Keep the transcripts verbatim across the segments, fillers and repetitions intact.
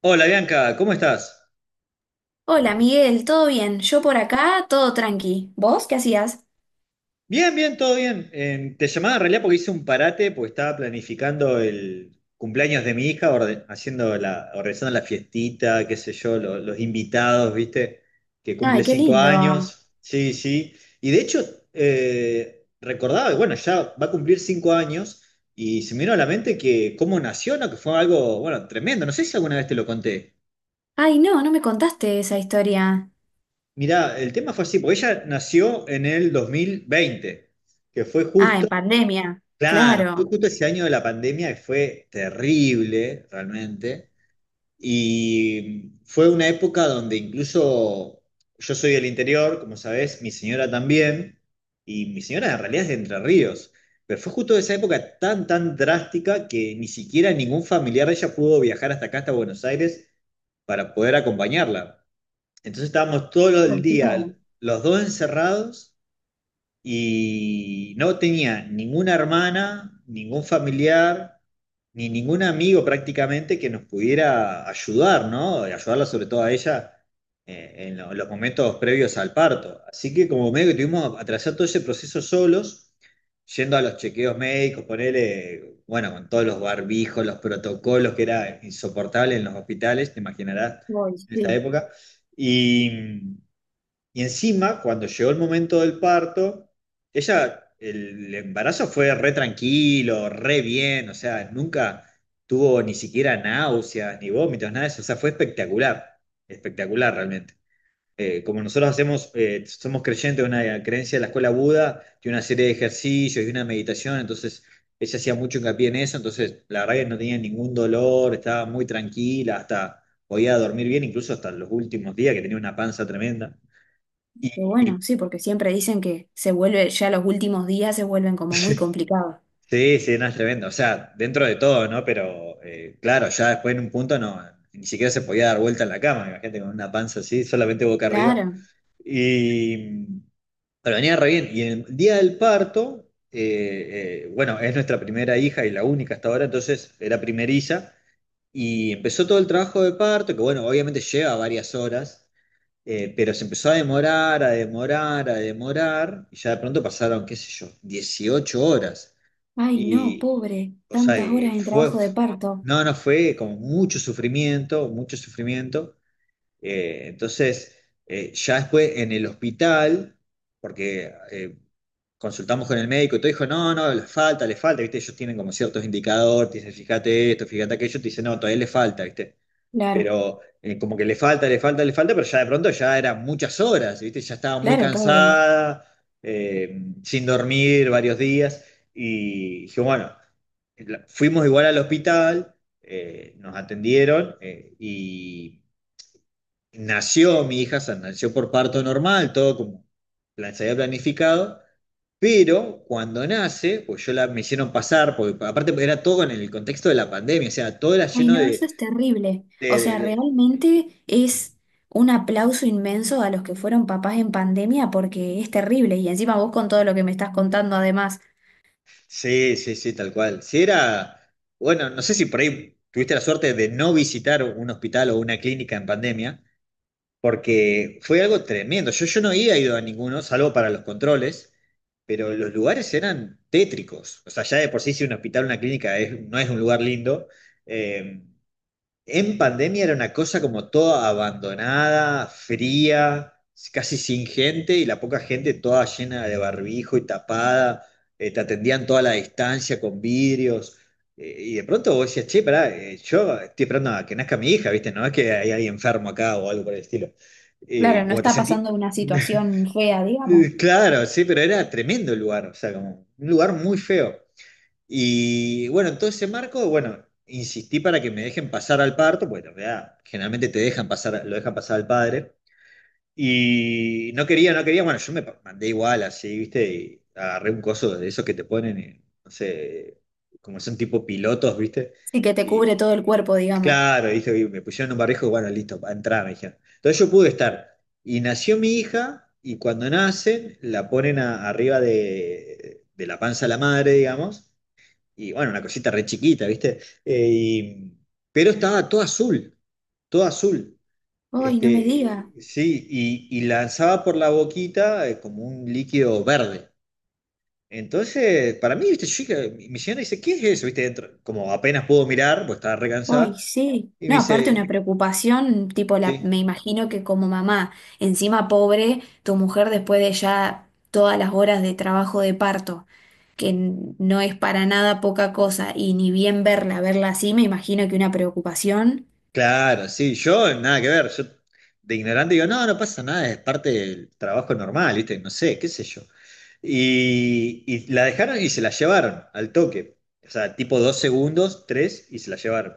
Hola Bianca, ¿cómo estás? Hola Miguel, ¿todo bien? Yo por acá, todo tranqui. ¿Vos qué hacías? Bien, bien, todo bien. Eh, te llamaba en realidad porque hice un parate, porque estaba planificando el cumpleaños de mi hija, orde- haciendo la, organizando la fiestita, qué sé yo, lo- los invitados, ¿viste? Que cumple Ay, qué cinco lindo. años. Sí, sí. Y de hecho, eh, recordaba que, bueno, ya va a cumplir cinco años y se me vino a la mente que cómo nació, ¿no? Que fue algo, bueno, tremendo. No sé si alguna vez te lo conté. Ay, no, no me contaste esa historia. Mirá, el tema fue así, porque ella nació en el dos mil veinte, que fue Ah, en justo, pandemia. claro, fue Claro. justo ese año de la pandemia, que fue terrible realmente, y fue una época donde incluso yo soy del interior, como sabés, mi señora también, y mi señora en realidad es de Entre Ríos, pero fue justo esa época tan, tan drástica que ni siquiera ningún familiar de ella pudo viajar hasta acá, hasta Buenos Aires, para poder acompañarla. Entonces estábamos todo Oh, el día, claro. los dos encerrados, y no tenía ninguna hermana, ningún familiar, ni ningún amigo prácticamente que nos pudiera ayudar, ¿no? Ayudarla sobre todo a ella eh, en lo- los momentos previos al parto. Así que como medio que tuvimos que atravesar todo ese proceso solos, yendo a los chequeos médicos, ponerle, bueno, con todos los barbijos, los protocolos, que era insoportable en los hospitales, te imaginarás, Uy, en esa sí. época. Y, y encima, cuando llegó el momento del parto, ella, el embarazo fue re tranquilo, re bien, o sea, nunca tuvo ni siquiera náuseas, ni vómitos, nada de eso, o sea, fue espectacular, espectacular realmente. Eh, como nosotros hacemos, eh, somos creyentes de una creencia de la escuela Buda, de una serie de ejercicios y una meditación, entonces ella hacía mucho hincapié en eso, entonces la verdad que no tenía ningún dolor, estaba muy tranquila, hasta podía dormir bien, incluso hasta los últimos días que tenía una panza tremenda. Pero bueno, Y, sí, porque siempre dicen que se vuelve, ya los últimos días se vuelven como muy complicados. Sí, sí, no es tremendo. O sea, dentro de todo, ¿no? Pero eh, claro, ya después en un punto no, ni siquiera se podía dar vuelta en la cama, imagínate, con una panza así, solamente boca arriba. Claro. Y pero venía re bien. Y en el día del parto, eh, eh, bueno, es nuestra primera hija y la única hasta ahora, entonces era primeriza. Y empezó todo el trabajo de parto, que bueno, obviamente lleva varias horas, eh, pero se empezó a demorar, a demorar, a demorar, y ya de pronto pasaron, qué sé yo, dieciocho horas. Ay, no, Y, pobre. o sea, Tantas y horas en fue, trabajo de parto. no, no fue como mucho sufrimiento, mucho sufrimiento. Eh, entonces, eh, ya después en el hospital, porque eh, consultamos con el médico y todo, dijo, no, no, le falta, le falta, ¿viste? Ellos tienen como ciertos indicadores, te dicen, fíjate esto, fíjate aquello, te dicen, no, todavía le falta, ¿viste? Claro, Pero eh, como que le falta, le falta, le falta, pero ya de pronto ya eran muchas horas, ¿viste? Ya estaba muy claro, pobre. cansada, eh, sin dormir varios días, y dije, bueno, la- fuimos igual al hospital, eh, nos atendieron, eh, y nació mi hija, o sea, nació por parto normal, todo como plan- se había planificado. Pero cuando nace, pues yo la me hicieron pasar, porque aparte era todo en el contexto de la pandemia, o sea, todo era Ay, lleno no, eso de, es terrible. O de, sea, de- realmente es un aplauso inmenso a los que fueron papás en pandemia porque es terrible. Y encima vos con todo lo que me estás contando, además, Sí, sí, sí, tal cual. Si era, bueno, no sé si por ahí tuviste la suerte de no visitar un hospital o una clínica en pandemia, porque fue algo tremendo. Yo, yo no había ido a ninguno, salvo para los controles, pero los lugares eran tétricos. O sea, ya de por sí si un hospital o una clínica es- no es un lugar lindo, eh, en pandemia era una cosa como toda abandonada, fría, casi sin gente, y la poca gente toda llena de barbijo y tapada, eh, te atendían toda la distancia con vidrios, eh, y de pronto vos decías, che, pará, eh, yo estoy esperando a que nazca mi hija, ¿viste? No es que hay alguien enfermo acá o algo por el estilo. Eh, claro, no Como te está sentí... pasando una situación fea, digamos. Claro, sí, pero era tremendo el lugar, o sea, como un lugar muy feo. Y bueno, en todo ese marco, bueno, insistí para que me dejen pasar al parto, porque en realidad generalmente te dejan pasar, lo dejan pasar al padre. Y no quería, no quería, bueno, yo me pa- mandé igual así, ¿viste? Y agarré un coso de esos que te ponen, eh, no sé, como son tipo pilotos, ¿viste? Sí que te cubre Y todo el cuerpo, digamos. claro, ¿viste? Y me pusieron un barrijo, y bueno, listo, para entrar, me dijeron. Entonces yo pude estar. Y nació mi hija, y cuando nacen, la ponen a- arriba de, de la panza de la madre, digamos, y bueno, una cosita re chiquita, ¿viste? Eh, y- pero estaba todo azul, todo azul. Ay, no me Este, diga. sí, y, y lanzaba por la boquita eh, como un líquido verde. Entonces, para mí, ¿viste? Yo dije- mi mi señora dice, ¿qué es eso? ¿Viste? Dentro, como apenas pudo mirar, pues estaba re Ay, cansada, sí. y me No, aparte una dice, preocupación, tipo la, sí. me imagino que como mamá, encima pobre, tu mujer después de ya todas las horas de trabajo de parto, que n- no es para nada poca cosa, y ni bien verla, verla así, me imagino que una preocupación. Claro, sí, yo nada que ver, yo de ignorante digo, no, no pasa nada, es parte del trabajo normal, ¿viste? No sé, qué sé yo. Y, y la dejaron y se la llevaron al toque. O sea, tipo dos segundos, tres, y se la llevaron.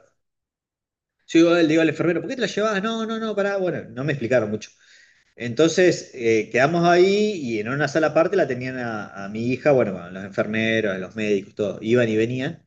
Yo digo, le digo al enfermero, ¿por qué te la llevas? No, no, no, pará, bueno, no me explicaron mucho. Entonces, eh, quedamos ahí, y en una sala aparte la tenían a, a mi hija, bueno, con los enfermeros, los médicos, todo, iban y venían.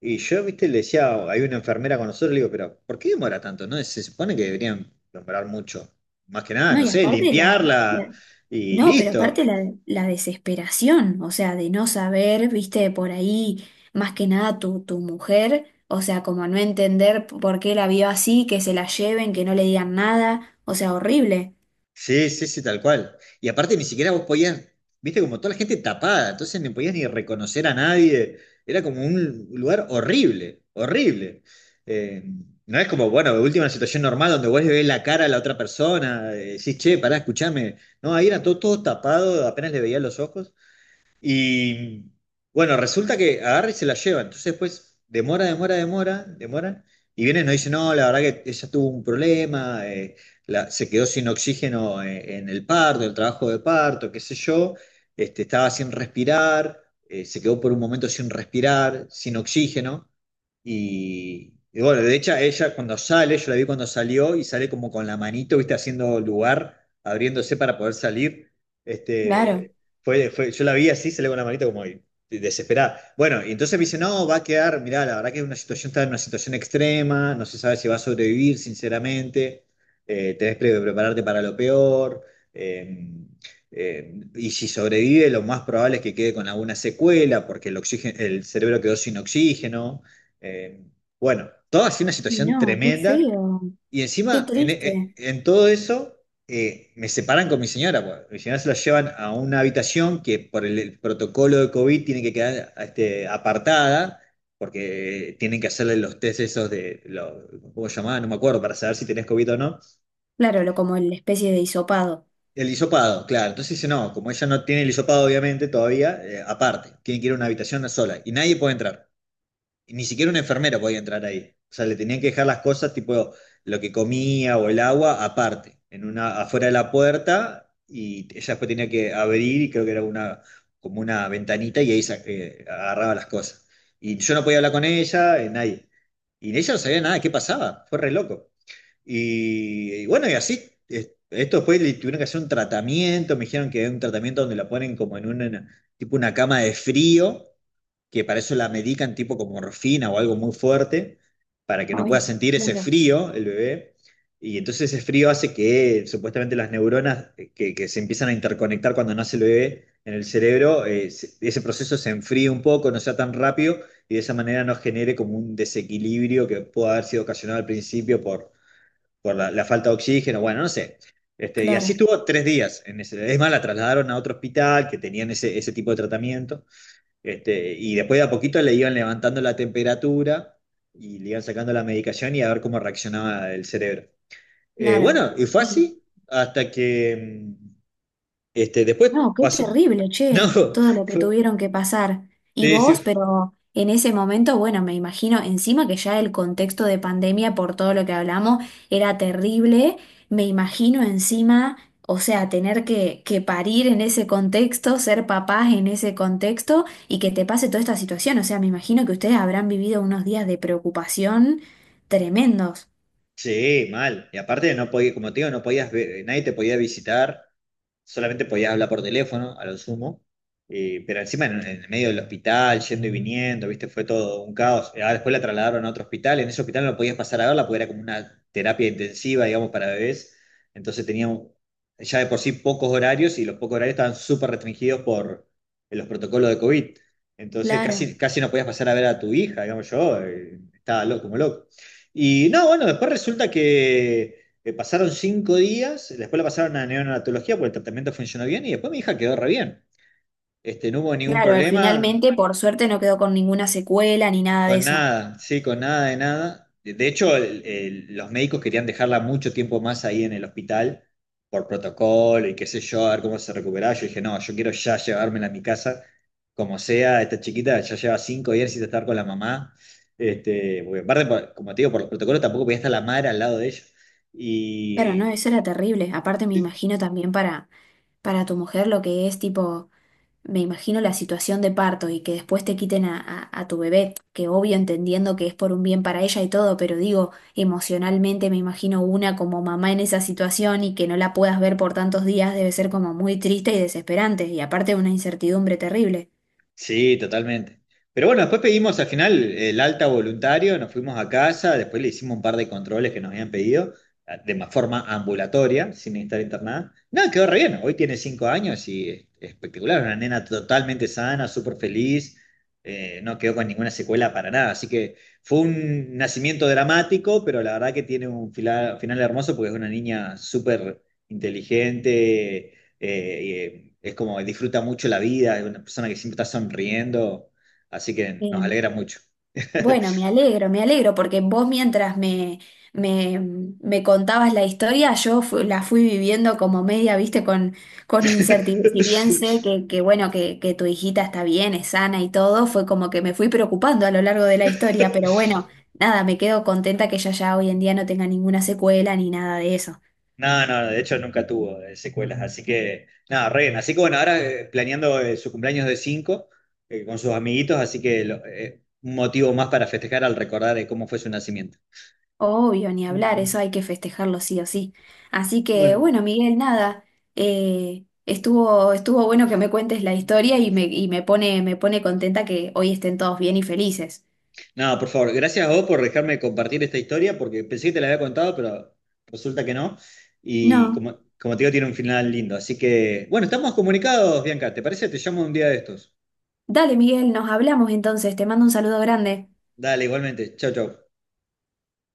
Y yo, viste, le decía, hay una enfermera con nosotros, le digo, pero ¿por qué demora tanto? ¿No? Se supone que deberían demorar mucho. Más que nada, No, no y sé, aparte la, limpiarla la- y no, pero aparte listo. la, la desesperación, o sea, de no saber, viste, por ahí, más que nada tu, tu mujer, o sea, como no entender p- por qué la vio así, que se la lleven, que no le digan nada, o sea, horrible, Sí, sí, sí, tal cual. Y aparte ni siquiera vos podías, viste, como toda la gente tapada, entonces no podías ni reconocer a nadie. Era como un lugar horrible, horrible. Eh, no es como, bueno, de última situación normal donde vos le ves la cara a la otra persona, eh, decís, che, pará, escuchame. No, ahí era todo, todo tapado, apenas le veía los ojos. Y bueno, resulta que agarra y se la lleva. Entonces después demora, demora, demora, demora. Y viene y nos dice, no, la verdad que ella tuvo un problema, eh, la- se quedó sin oxígeno eh, en el parto, el trabajo de parto, qué sé yo. Este, estaba sin respirar, eh, se quedó por un momento sin respirar, sin oxígeno. Y, y bueno, de hecho ella cuando sale, yo la vi cuando salió y sale como con la manito, viste, haciendo lugar, abriéndose para poder salir. claro. Este, fue, fue, yo la vi así, se le con la manita como ahí, desesperada. Bueno, y entonces me dice, no, va a quedar, mirá, la verdad que es una situación, está en una situación extrema, no se sabe si va a sobrevivir, sinceramente, eh, tenés que prepararte para lo peor, eh, eh, y si sobrevive, lo más probable es que quede con alguna secuela, porque el oxígeno, el cerebro quedó sin oxígeno. eh, bueno, toda así una Ay, situación no, qué tremenda, feo, y qué encima, en en- triste. en todo eso eh, me separan con mi señora, pues. Mi señora se la llevan a una habitación que por el, el protocolo de COVID tiene que quedar este, apartada, porque tienen que hacerle los test esos de, lo, ¿cómo se llamaba? No me acuerdo, para saber si tenés COVID o no. Claro, lo como la especie de hisopado. El hisopado, claro. Entonces dice, no, como ella no tiene el hisopado, obviamente, todavía, eh, aparte, tiene que ir a una habitación sola y nadie puede entrar. Y ni siquiera un enfermero podía entrar ahí. O sea, le tenían que dejar las cosas, tipo lo que comía o el agua, aparte, en una, afuera de la puerta, y ella después tenía que abrir, y creo que era una, como una ventanita, y ahí sa- eh, agarraba las cosas. Y yo no podía hablar con ella, eh, nadie. Y ella no sabía nada de qué pasaba, fue re loco. Y, y bueno, y así, es- esto después le tuvieron que hacer un tratamiento, me dijeron que era un tratamiento donde la ponen como en una, tipo una cama de frío, que para eso la medican tipo con morfina o algo muy fuerte, para que no pueda Ay, sentir ese claro, frío el bebé. Y entonces ese frío hace que supuestamente las neuronas, eh, que, que se empiezan a interconectar cuando nace el bebé en el cerebro, eh, se- ese proceso se enfríe un poco, no sea tan rápido, y de esa manera no genere como un desequilibrio que pueda haber sido ocasionado al principio por, por la, la falta de oxígeno, bueno, no sé. Este, y claro, así estuvo tres días. En ese, es más, la trasladaron a otro hospital que tenían ese, ese tipo de tratamiento. Este, y después de a poquito le iban levantando la temperatura y le iban sacando la medicación, y a ver cómo reaccionaba el cerebro. Eh, claro. Bueno, y fue así hasta que mm, este, después No, qué pasó. terrible, No, che, todo lo que fue, tuvieron que pasar. Y sí, sí, vos, pero en ese momento, bueno, me imagino, encima que ya el contexto de pandemia, por todo lo que hablamos, era terrible, me imagino encima, o sea, tener que, que parir en ese contexto, ser papás en ese contexto y que te pase toda esta situación. O sea, me imagino que ustedes habrán vivido unos días de preocupación tremendos. Sí, mal. Y aparte no podía, como te digo, no podías ver, nadie te podía visitar, solamente podías hablar por teléfono, a lo sumo. Eh, pero encima en, en el medio del hospital, yendo y viniendo, viste, fue todo un caos. Eh, ah, después la trasladaron a otro hospital; en ese hospital no podías pasar a verla porque era como una terapia intensiva, digamos, para bebés. Entonces tenía un- ya de por sí pocos horarios, y los pocos horarios estaban súper restringidos por eh, los protocolos de COVID. Entonces Claro. casi, casi no podías pasar a ver a tu hija, digamos yo, eh, estaba loco, como loco. Y no, bueno, después resulta que eh, pasaron cinco días, después la pasaron a neonatología porque el tratamiento funcionó bien, y después mi hija quedó re bien. Este, no hubo ningún Claro, problema, finalmente, por suerte, no quedó con ninguna secuela ni nada de con eso. nada, sí, con nada de nada. De de hecho, el- el- los médicos querían dejarla mucho tiempo más ahí en el hospital por protocolo y qué sé yo, a ver cómo se recuperaba. Yo dije, no, yo quiero ya llevármela a mi casa, como sea, esta chiquita ya lleva cinco días sin estar con la mamá. Este, porque aparte, por- como te digo, por los protocolos tampoco podía estar la madre al lado de ella. Pero no, Y eso era terrible. Aparte me imagino también para, para tu mujer lo que es tipo, me imagino la situación de parto y que después te quiten a, a- a tu bebé, que obvio entendiendo que es por un bien para ella y todo, pero digo, emocionalmente me imagino una como mamá en esa situación y que no la puedas ver por tantos días debe ser como muy triste y desesperante y aparte una incertidumbre terrible. Sí, totalmente. Pero bueno, después pedimos al final el alta voluntario, nos fuimos a casa, después le hicimos un par de controles que nos habían pedido, ah, de ma- forma ambulatoria, sin estar internada. Nada, quedó re bien. Hoy tiene cinco años y es espectacular, una nena totalmente sana, súper feliz, eh, no quedó con ninguna secuela para nada. Así que fue un nacimiento dramático, pero la verdad que tiene un fila- final hermoso, porque es una niña súper inteligente, eh, y, eh, es como disfruta mucho la vida, es una persona que siempre está sonriendo, así que nos alegra mucho. Bueno, me alegro, me alegro, porque vos mientras me, me, me contabas la historia, yo fu- la fui viviendo como media, viste, con, con incertidumbre. Si bien sé que, que bueno, que, que tu hijita está bien, es sana y todo, fue como que me fui preocupando a lo largo de la historia, pero bueno, nada, me quedo contenta que ella ya hoy en día no tenga ninguna secuela ni nada de eso. No, no, de hecho nunca tuvo eh, secuelas, así que nada, re bien. Así que bueno, ahora eh, planeando eh, su cumpleaños de cinco con sus amiguitos, así que lo- eh, un motivo más para festejar al recordar eh, cómo fue su nacimiento. Obvio, ni Mm, hablar, eso mm. hay que festejarlo sí o sí. Así que Bueno. bueno, Miguel, nada, eh, estuvo, estuvo bueno que me cuentes la historia y me, y me pone, me pone contenta que hoy estén todos bien y felices. No, por favor, gracias a vos por dejarme compartir esta historia, porque pensé que te la había contado, pero resulta que no. Y No, como, como te digo, tiene un final lindo. Así que, bueno, estamos comunicados, Bianca. ¿Te parece? Te llamo un día de estos. dale, Miguel, nos hablamos entonces, te mando un saludo grande. Dale, igualmente. Chau, chau.